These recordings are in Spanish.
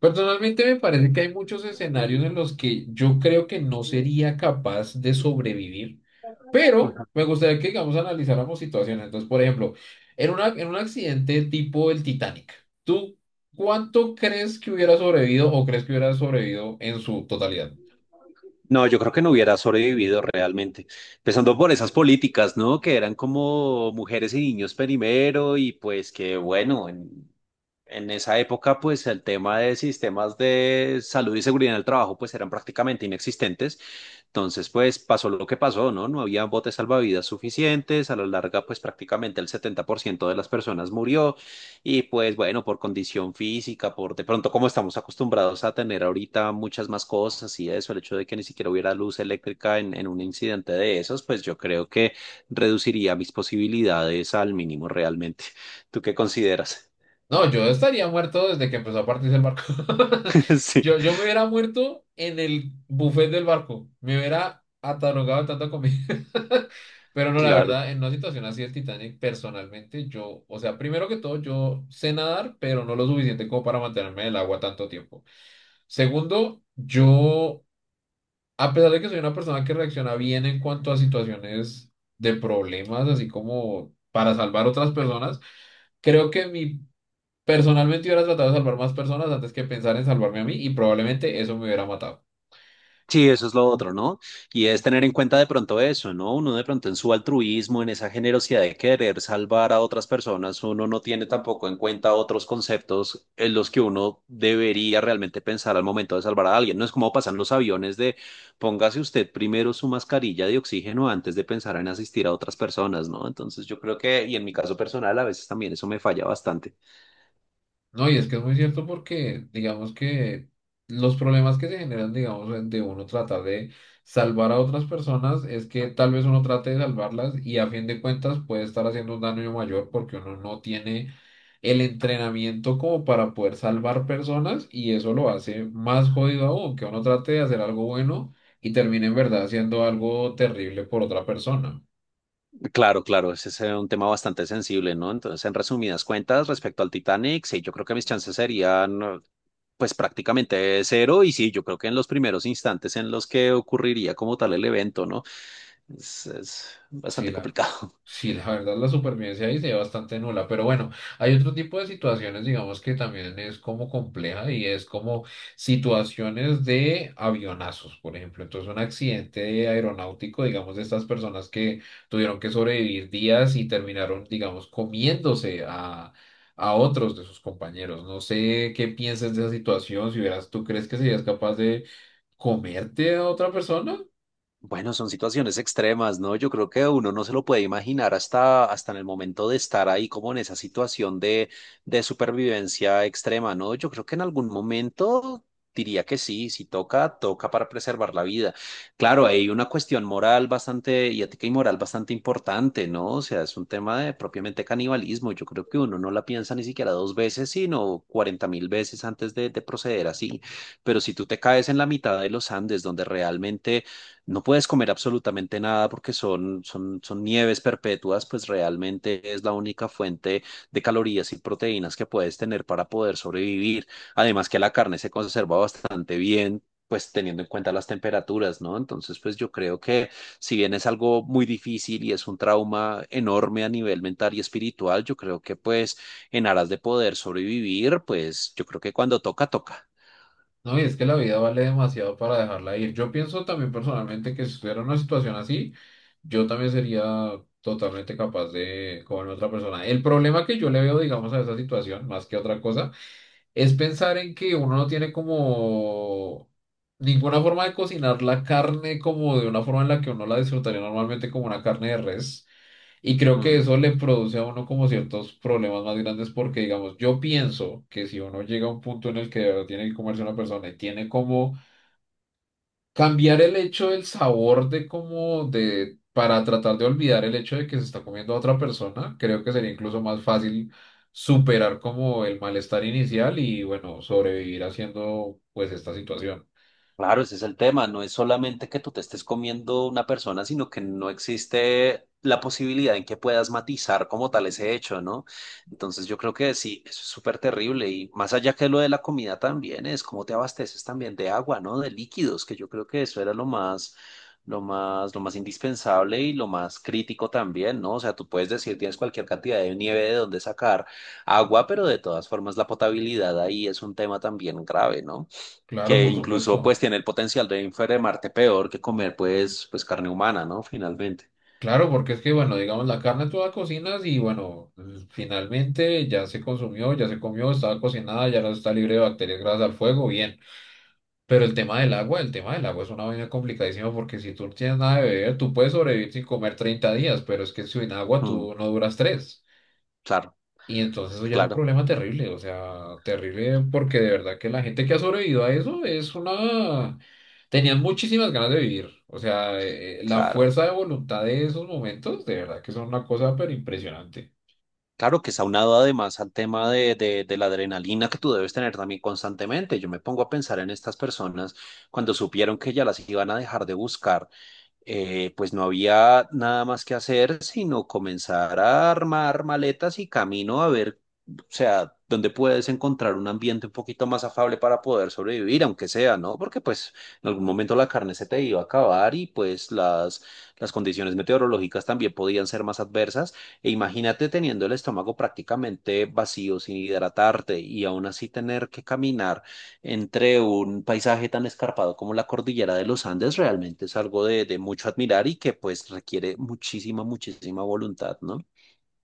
Personalmente me parece que hay muchos escenarios en los que yo creo que no sería capaz de sobrevivir, pero me gustaría que, digamos, analizáramos situaciones. Entonces, por ejemplo, en un accidente tipo el Titanic, ¿tú cuánto crees que hubiera sobrevivido o crees que hubiera sobrevivido en su totalidad? No, yo creo que no hubiera sobrevivido realmente. Empezando por esas políticas, ¿no? Que eran como mujeres y niños primero y pues que bueno, en esa época pues el tema de sistemas de salud y seguridad en el trabajo pues eran prácticamente inexistentes entonces, pues pasó lo que pasó, ¿no? No había botes salvavidas suficientes, a la larga, pues prácticamente el 70% de las personas murió y pues bueno, por condición física, por de pronto como estamos acostumbrados a tener ahorita muchas más cosas y eso, el hecho de que ni siquiera hubiera luz eléctrica en un incidente de esos, pues yo creo que reduciría mis posibilidades al mínimo realmente. ¿Tú qué consideras? No, yo estaría muerto desde que empezó a partirse el barco. Sí, Yo me hubiera muerto en el buffet del barco. Me hubiera atarugado de tanta comida. Pero no, la claro. verdad, en una situación así del Titanic, personalmente, yo, o sea, primero que todo, yo sé nadar, pero no lo suficiente como para mantenerme en el agua tanto tiempo. Segundo, yo, a pesar de que soy una persona que reacciona bien en cuanto a situaciones de problemas, así como para salvar otras personas, Creo que mi Personalmente hubiera tratado de salvar más personas antes que pensar en salvarme a mí y probablemente eso me hubiera matado. Sí, eso es lo otro, ¿no? Y es tener en cuenta de pronto eso, ¿no? Uno de pronto en su altruismo, en esa generosidad de querer salvar a otras personas, uno no tiene tampoco en cuenta otros conceptos en los que uno debería realmente pensar al momento de salvar a alguien. No es como pasan los aviones de póngase usted primero su mascarilla de oxígeno antes de pensar en asistir a otras personas, ¿no? Entonces yo creo que, y en mi caso personal, a veces también eso me falla bastante. No, y es que es muy cierto porque digamos que los problemas que se generan, digamos, de uno tratar de salvar a otras personas es que tal vez uno trate de salvarlas y a fin de cuentas puede estar haciendo un daño mayor porque uno no tiene el entrenamiento como para poder salvar personas y eso lo hace más jodido aún, que uno trate de hacer algo bueno y termine en verdad haciendo algo terrible por otra persona. Claro, claro, ese es un tema bastante sensible, ¿no? Entonces, en resumidas cuentas, respecto al Titanic, sí, yo creo que mis chances serían, pues prácticamente cero, y sí, yo creo que en los primeros instantes en los que ocurriría como tal el evento, ¿no? Es Sí, bastante la, complicado. sí, la verdad la supervivencia ahí se ve bastante nula, pero bueno, hay otro tipo de situaciones, digamos, que también es como compleja y es como situaciones de avionazos, por ejemplo. Entonces, un accidente aeronáutico, digamos, de estas personas que tuvieron que sobrevivir días y terminaron, digamos, a otros de sus compañeros. No sé qué piensas de esa situación, si hubieras, ¿tú crees que serías capaz de comerte a otra persona? Bueno, son situaciones extremas, ¿no? Yo creo que uno no se lo puede imaginar hasta en el momento de estar ahí como en esa situación de supervivencia extrema, ¿no? Yo creo que en algún momento diría que sí, si toca, toca para preservar la vida. Claro, hay una cuestión moral bastante y ética y moral bastante importante, ¿no? O sea, es un tema de propiamente canibalismo. Yo creo que uno no la piensa ni siquiera dos veces, sino cuarenta mil veces antes de proceder así. Pero si tú te caes en la mitad de los Andes, donde realmente no puedes comer absolutamente nada porque son, son, son nieves perpetuas, pues realmente es la única fuente de calorías y proteínas que puedes tener para poder sobrevivir. Además que la carne se conserva bastante bien, pues teniendo en cuenta las temperaturas, ¿no? Entonces, pues yo creo que si bien es algo muy difícil y es un trauma enorme a nivel mental y espiritual, yo creo que pues en aras de poder sobrevivir, pues yo creo que cuando toca, toca. No, y es que la vida vale demasiado para dejarla ir. Yo pienso también personalmente que si estuviera en una situación así, yo también sería totalmente capaz de comerme a otra persona. El problema que yo le veo, digamos, a esa situación, más que otra cosa, es pensar en que uno no tiene como ninguna forma de cocinar la carne como de una forma en la que uno la disfrutaría normalmente como una carne de res. Y creo que Mm. eso le produce a uno como ciertos problemas más grandes porque, digamos, yo pienso que si uno llega a un punto en el que de verdad tiene que comerse una persona y tiene como cambiar el hecho del sabor de como de para tratar de olvidar el hecho de que se está comiendo a otra persona, creo que sería incluso más fácil superar como el malestar inicial y bueno, sobrevivir haciendo pues esta situación. Claro, ese es el tema. No es solamente que tú te estés comiendo una persona, sino que no existe la posibilidad en que puedas matizar como tal ese hecho, ¿no? Entonces yo creo que sí, eso es súper terrible. Y más allá que lo de la comida también es cómo te abasteces también de agua, ¿no? De líquidos, que yo creo que eso era lo más, lo más, lo más indispensable y lo más crítico también, ¿no? O sea, tú puedes decir, tienes cualquier cantidad de nieve de donde sacar agua, pero de todas formas la potabilidad ahí es un tema también grave, ¿no? Claro, Que por incluso supuesto. pues tiene el potencial de enfermarte peor que comer pues, pues carne humana, ¿no? Finalmente. Claro, porque es que, bueno, digamos, la carne tú la cocinas y, bueno, finalmente ya se consumió, ya se comió, estaba cocinada, ya no está libre de bacterias gracias al fuego, bien. Pero el tema del agua, el tema del agua es una vaina complicadísima porque si tú no tienes nada de beber, tú puedes sobrevivir sin comer 30 días, pero es que sin agua Mm, tú no duras tres. claro, Y entonces eso ya es un claro, problema terrible, o sea, terrible porque de verdad que la gente que ha sobrevivido a eso es una... Tenían muchísimas ganas de vivir, o sea, la claro. fuerza de voluntad de esos momentos, de verdad que son una cosa pero impresionante. Claro que es aunado además al tema de la adrenalina que tú debes tener también constantemente. Yo me pongo a pensar en estas personas cuando supieron que ya las iban a dejar de buscar pues no había nada más que hacer sino comenzar a armar maletas y camino a ver, o sea, dónde puedes encontrar un ambiente un poquito más afable para poder sobrevivir, aunque sea, ¿no? Porque pues en algún momento la carne se te iba a acabar y pues las condiciones meteorológicas también podían ser más adversas. E imagínate teniendo el estómago prácticamente vacío, sin hidratarte y aún así tener que caminar entre un paisaje tan escarpado como la cordillera de los Andes realmente es algo de mucho admirar y que pues requiere muchísima, muchísima voluntad, ¿no?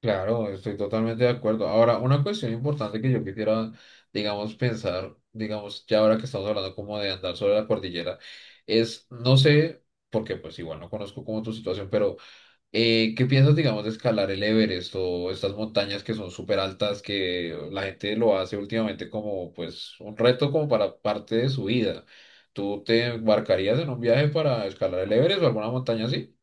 Claro, estoy totalmente de acuerdo. Ahora, una cuestión importante que yo quisiera, digamos, pensar, digamos, ya ahora que estamos hablando como de andar sobre la cordillera, es, no sé, porque pues igual no conozco como tu situación, pero... ¿qué piensas, digamos, de escalar el Everest o estas montañas que son súper altas que la gente lo hace últimamente como, pues, un reto como para parte de su vida? ¿Tú te embarcarías en un viaje para escalar el Everest o alguna montaña así?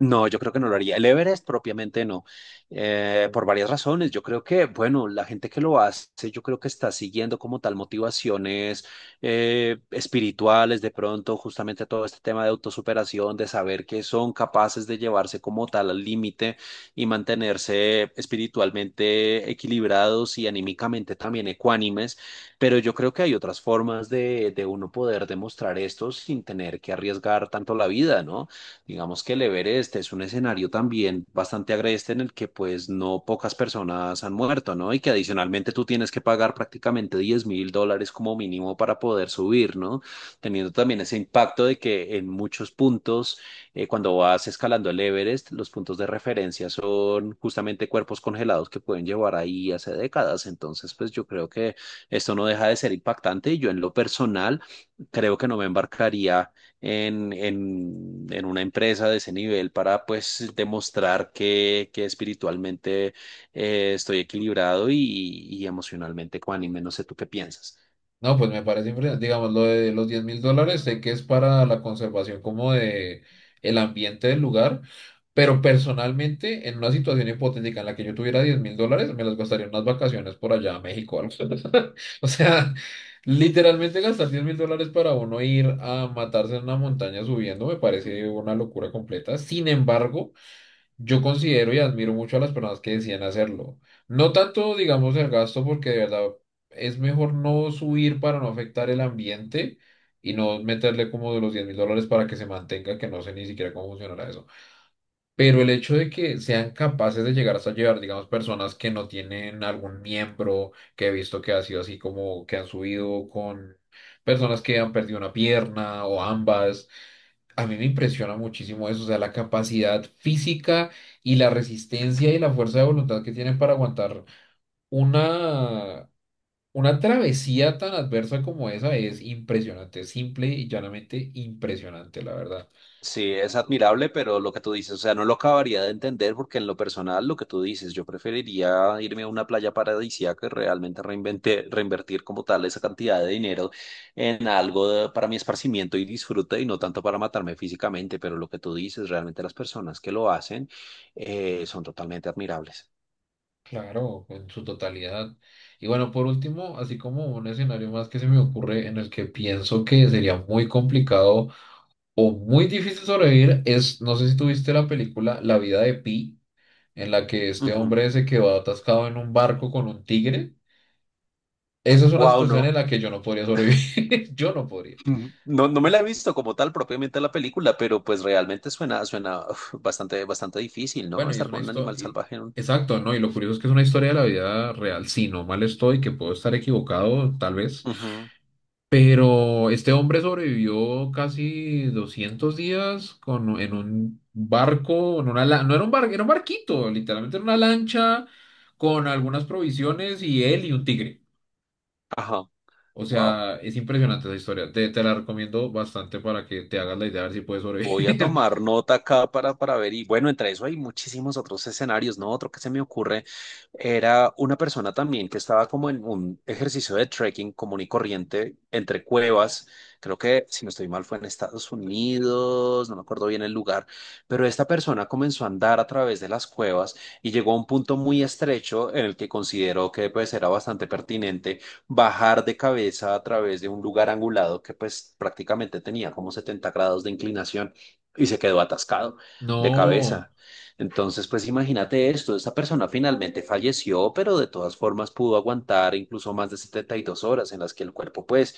No, yo creo que no lo haría. El Everest propiamente no, por varias razones. Yo creo que, bueno, la gente que lo hace, yo creo que está siguiendo como tal motivaciones espirituales, de pronto, justamente todo este tema de autosuperación, de saber que son capaces de llevarse como tal al límite y mantenerse espiritualmente equilibrados y anímicamente también ecuánimes. Pero yo creo que hay otras formas de, uno poder demostrar esto sin tener que arriesgar tanto la vida, ¿no? Digamos que el Everest es un escenario también bastante agreste en el que pues no pocas personas han muerto, ¿no? Y que adicionalmente tú tienes que pagar prácticamente 10.000 dólares como mínimo para poder subir, ¿no? Teniendo también ese impacto de que en muchos puntos, cuando vas escalando el Everest, los puntos de referencia son justamente cuerpos congelados que pueden llevar ahí hace décadas. Entonces, pues yo creo que esto no deja de ser impactante y yo en lo personal creo que no me embarcaría en, en una empresa de ese nivel para pues demostrar que espiritualmente estoy equilibrado y emocionalmente ecuánime. No sé tú qué piensas. No, pues me parece impresionante. Digamos, lo de los $10,000, sé que es para la conservación como de el ambiente del lugar, pero personalmente, en una situación hipotética en la que yo tuviera $10,000, me las gastaría en unas vacaciones por allá a México o algo. O sea, literalmente gastar $10,000 para uno ir a matarse en una montaña subiendo me parece una locura completa. Sin embargo, yo considero y admiro mucho a las personas que decían hacerlo. No tanto, digamos, el gasto, porque de verdad es mejor no subir para no afectar el ambiente y no meterle como de los $10,000 para que se mantenga, que no sé ni siquiera cómo funcionará eso. Pero el hecho de que sean capaces de llegar hasta llevar, digamos, personas que no tienen algún miembro, que he visto que ha sido así como que han subido con personas que han perdido una pierna o ambas, a mí me impresiona muchísimo eso, o sea, la capacidad física y la resistencia y la fuerza de voluntad que tienen para aguantar una, una travesía tan adversa como esa es impresionante, simple y llanamente impresionante, la verdad. Sí, es admirable, pero lo que tú dices, o sea, no lo acabaría de entender porque en lo personal, lo que tú dices, yo preferiría irme a una playa paradisíaca y realmente reinvertir como tal esa cantidad de dinero en algo para mi esparcimiento y disfrute y no tanto para matarme físicamente, pero lo que tú dices, realmente las personas que lo hacen son totalmente admirables. Claro, en su totalidad. Y bueno, por último, así como un escenario más que se me ocurre en el que pienso que sería muy complicado o muy difícil sobrevivir es, no sé si tuviste la película La vida de Pi, en la que este hombre se quedó atascado en un barco con un tigre. Esa es una Wow, situación en no, la que yo no podría sobrevivir. Yo no podría. no, no me la he visto como tal propiamente la película, pero pues realmente suena, suena uf, bastante, bastante difícil, ¿no? Bueno, y es Estar una con un animal historia... salvaje en un... Exacto, ¿no? Y lo curioso es que es una historia de la vida real. Si no mal estoy, que puedo estar equivocado, tal vez. Ujú. Pero este hombre sobrevivió casi 200 días con, en un barco, en una, no era un barco, era un barquito, literalmente era una lancha con algunas provisiones y él y un tigre. Ajá, O wow. sea, es impresionante esa historia. Te la recomiendo bastante para que te hagas la idea de ver si puedes Voy a sobrevivir. tomar nota acá para ver. Y bueno, entre eso hay muchísimos otros escenarios, ¿no? Otro que se me ocurre era una persona también que estaba como en un ejercicio de trekking común y corriente entre cuevas. Creo que, si no estoy mal, fue en Estados Unidos, no me acuerdo bien el lugar, pero esta persona comenzó a andar a través de las cuevas y llegó a un punto muy estrecho en el que consideró que pues era bastante pertinente bajar de cabeza a través de un lugar angulado que pues prácticamente tenía como 70 grados de inclinación y se quedó atascado de No. cabeza. Entonces, pues imagínate esto, esta persona finalmente falleció, pero de todas formas pudo aguantar incluso más de 72 horas en las que el cuerpo, pues,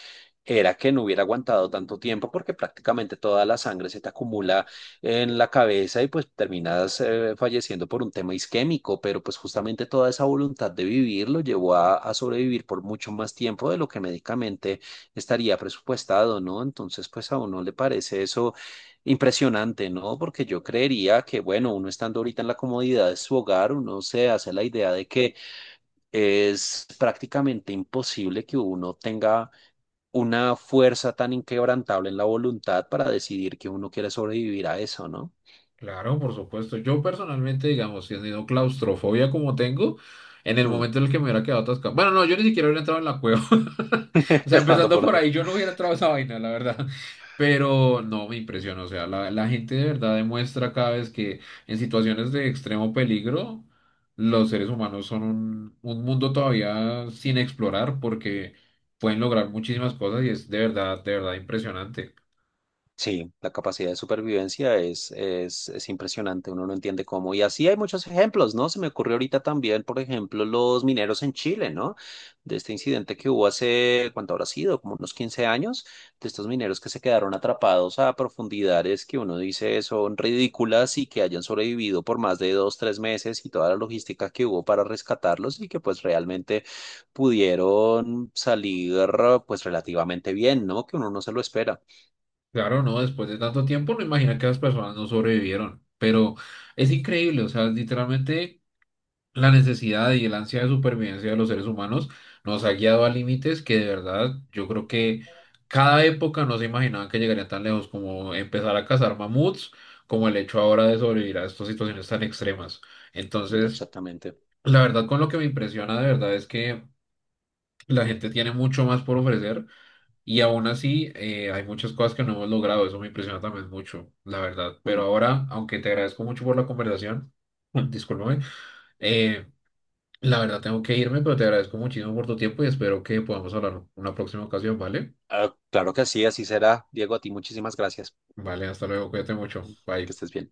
era que no hubiera aguantado tanto tiempo porque prácticamente toda la sangre se te acumula en la cabeza y pues terminas falleciendo por un tema isquémico, pero pues justamente toda esa voluntad de vivir lo llevó a sobrevivir por mucho más tiempo de lo que médicamente estaría presupuestado, ¿no? Entonces, pues a uno le parece eso impresionante, ¿no? Porque yo creería que, bueno, uno estando ahorita en la comodidad de su hogar, uno se hace la idea de que es prácticamente imposible que uno tenga una fuerza tan inquebrantable en la voluntad para decidir que uno quiere sobrevivir a eso, ¿no? Claro, por supuesto. Yo personalmente, digamos, teniendo claustrofobia como tengo, en el Mm. momento en el que me hubiera quedado atascado. Bueno, no, yo ni siquiera hubiera entrado en la cueva. O sea, Empezando empezando por por ahí, yo no hubiera entrado a esa vaina, la verdad. Pero no, me impresiona. O sea, la gente de verdad demuestra cada vez que en situaciones de extremo peligro, los seres humanos son un mundo todavía sin explorar porque pueden lograr muchísimas cosas y es de verdad impresionante. sí, la capacidad de supervivencia es impresionante, uno no entiende cómo. Y así hay muchos ejemplos, ¿no? Se me ocurrió ahorita también, por ejemplo, los mineros en Chile, ¿no? De este incidente que hubo hace, ¿cuánto habrá sido? Como unos 15 años, de estos mineros que se quedaron atrapados a profundidades que uno dice son ridículas y que hayan sobrevivido por más de dos, tres meses y toda la logística que hubo para rescatarlos y que pues realmente pudieron salir pues relativamente bien, ¿no? Que uno no se lo espera. Claro, no, después de tanto tiempo no imagina que las personas no sobrevivieron, pero es increíble, o sea, literalmente la necesidad y el ansia de supervivencia de los seres humanos nos ha guiado a límites que de verdad yo creo que cada época no se imaginaban que llegarían tan lejos como empezar a cazar mamuts, como el hecho ahora de sobrevivir a estas situaciones tan extremas. Entonces, Exactamente. la verdad con lo que me impresiona de verdad es que la gente tiene mucho más por ofrecer y aún así, hay muchas cosas que no hemos logrado. Eso me impresiona también mucho, la verdad. Pero Mm. ahora, aunque te agradezco mucho por la conversación, discúlpame, eh, la verdad tengo que irme, pero te agradezco muchísimo por tu tiempo y espero que podamos hablar en una próxima ocasión, ¿vale? Ah, claro que sí, así será. Diego, a ti muchísimas gracias. Vale, hasta luego, cuídate mucho. Mm. Que Bye. estés bien.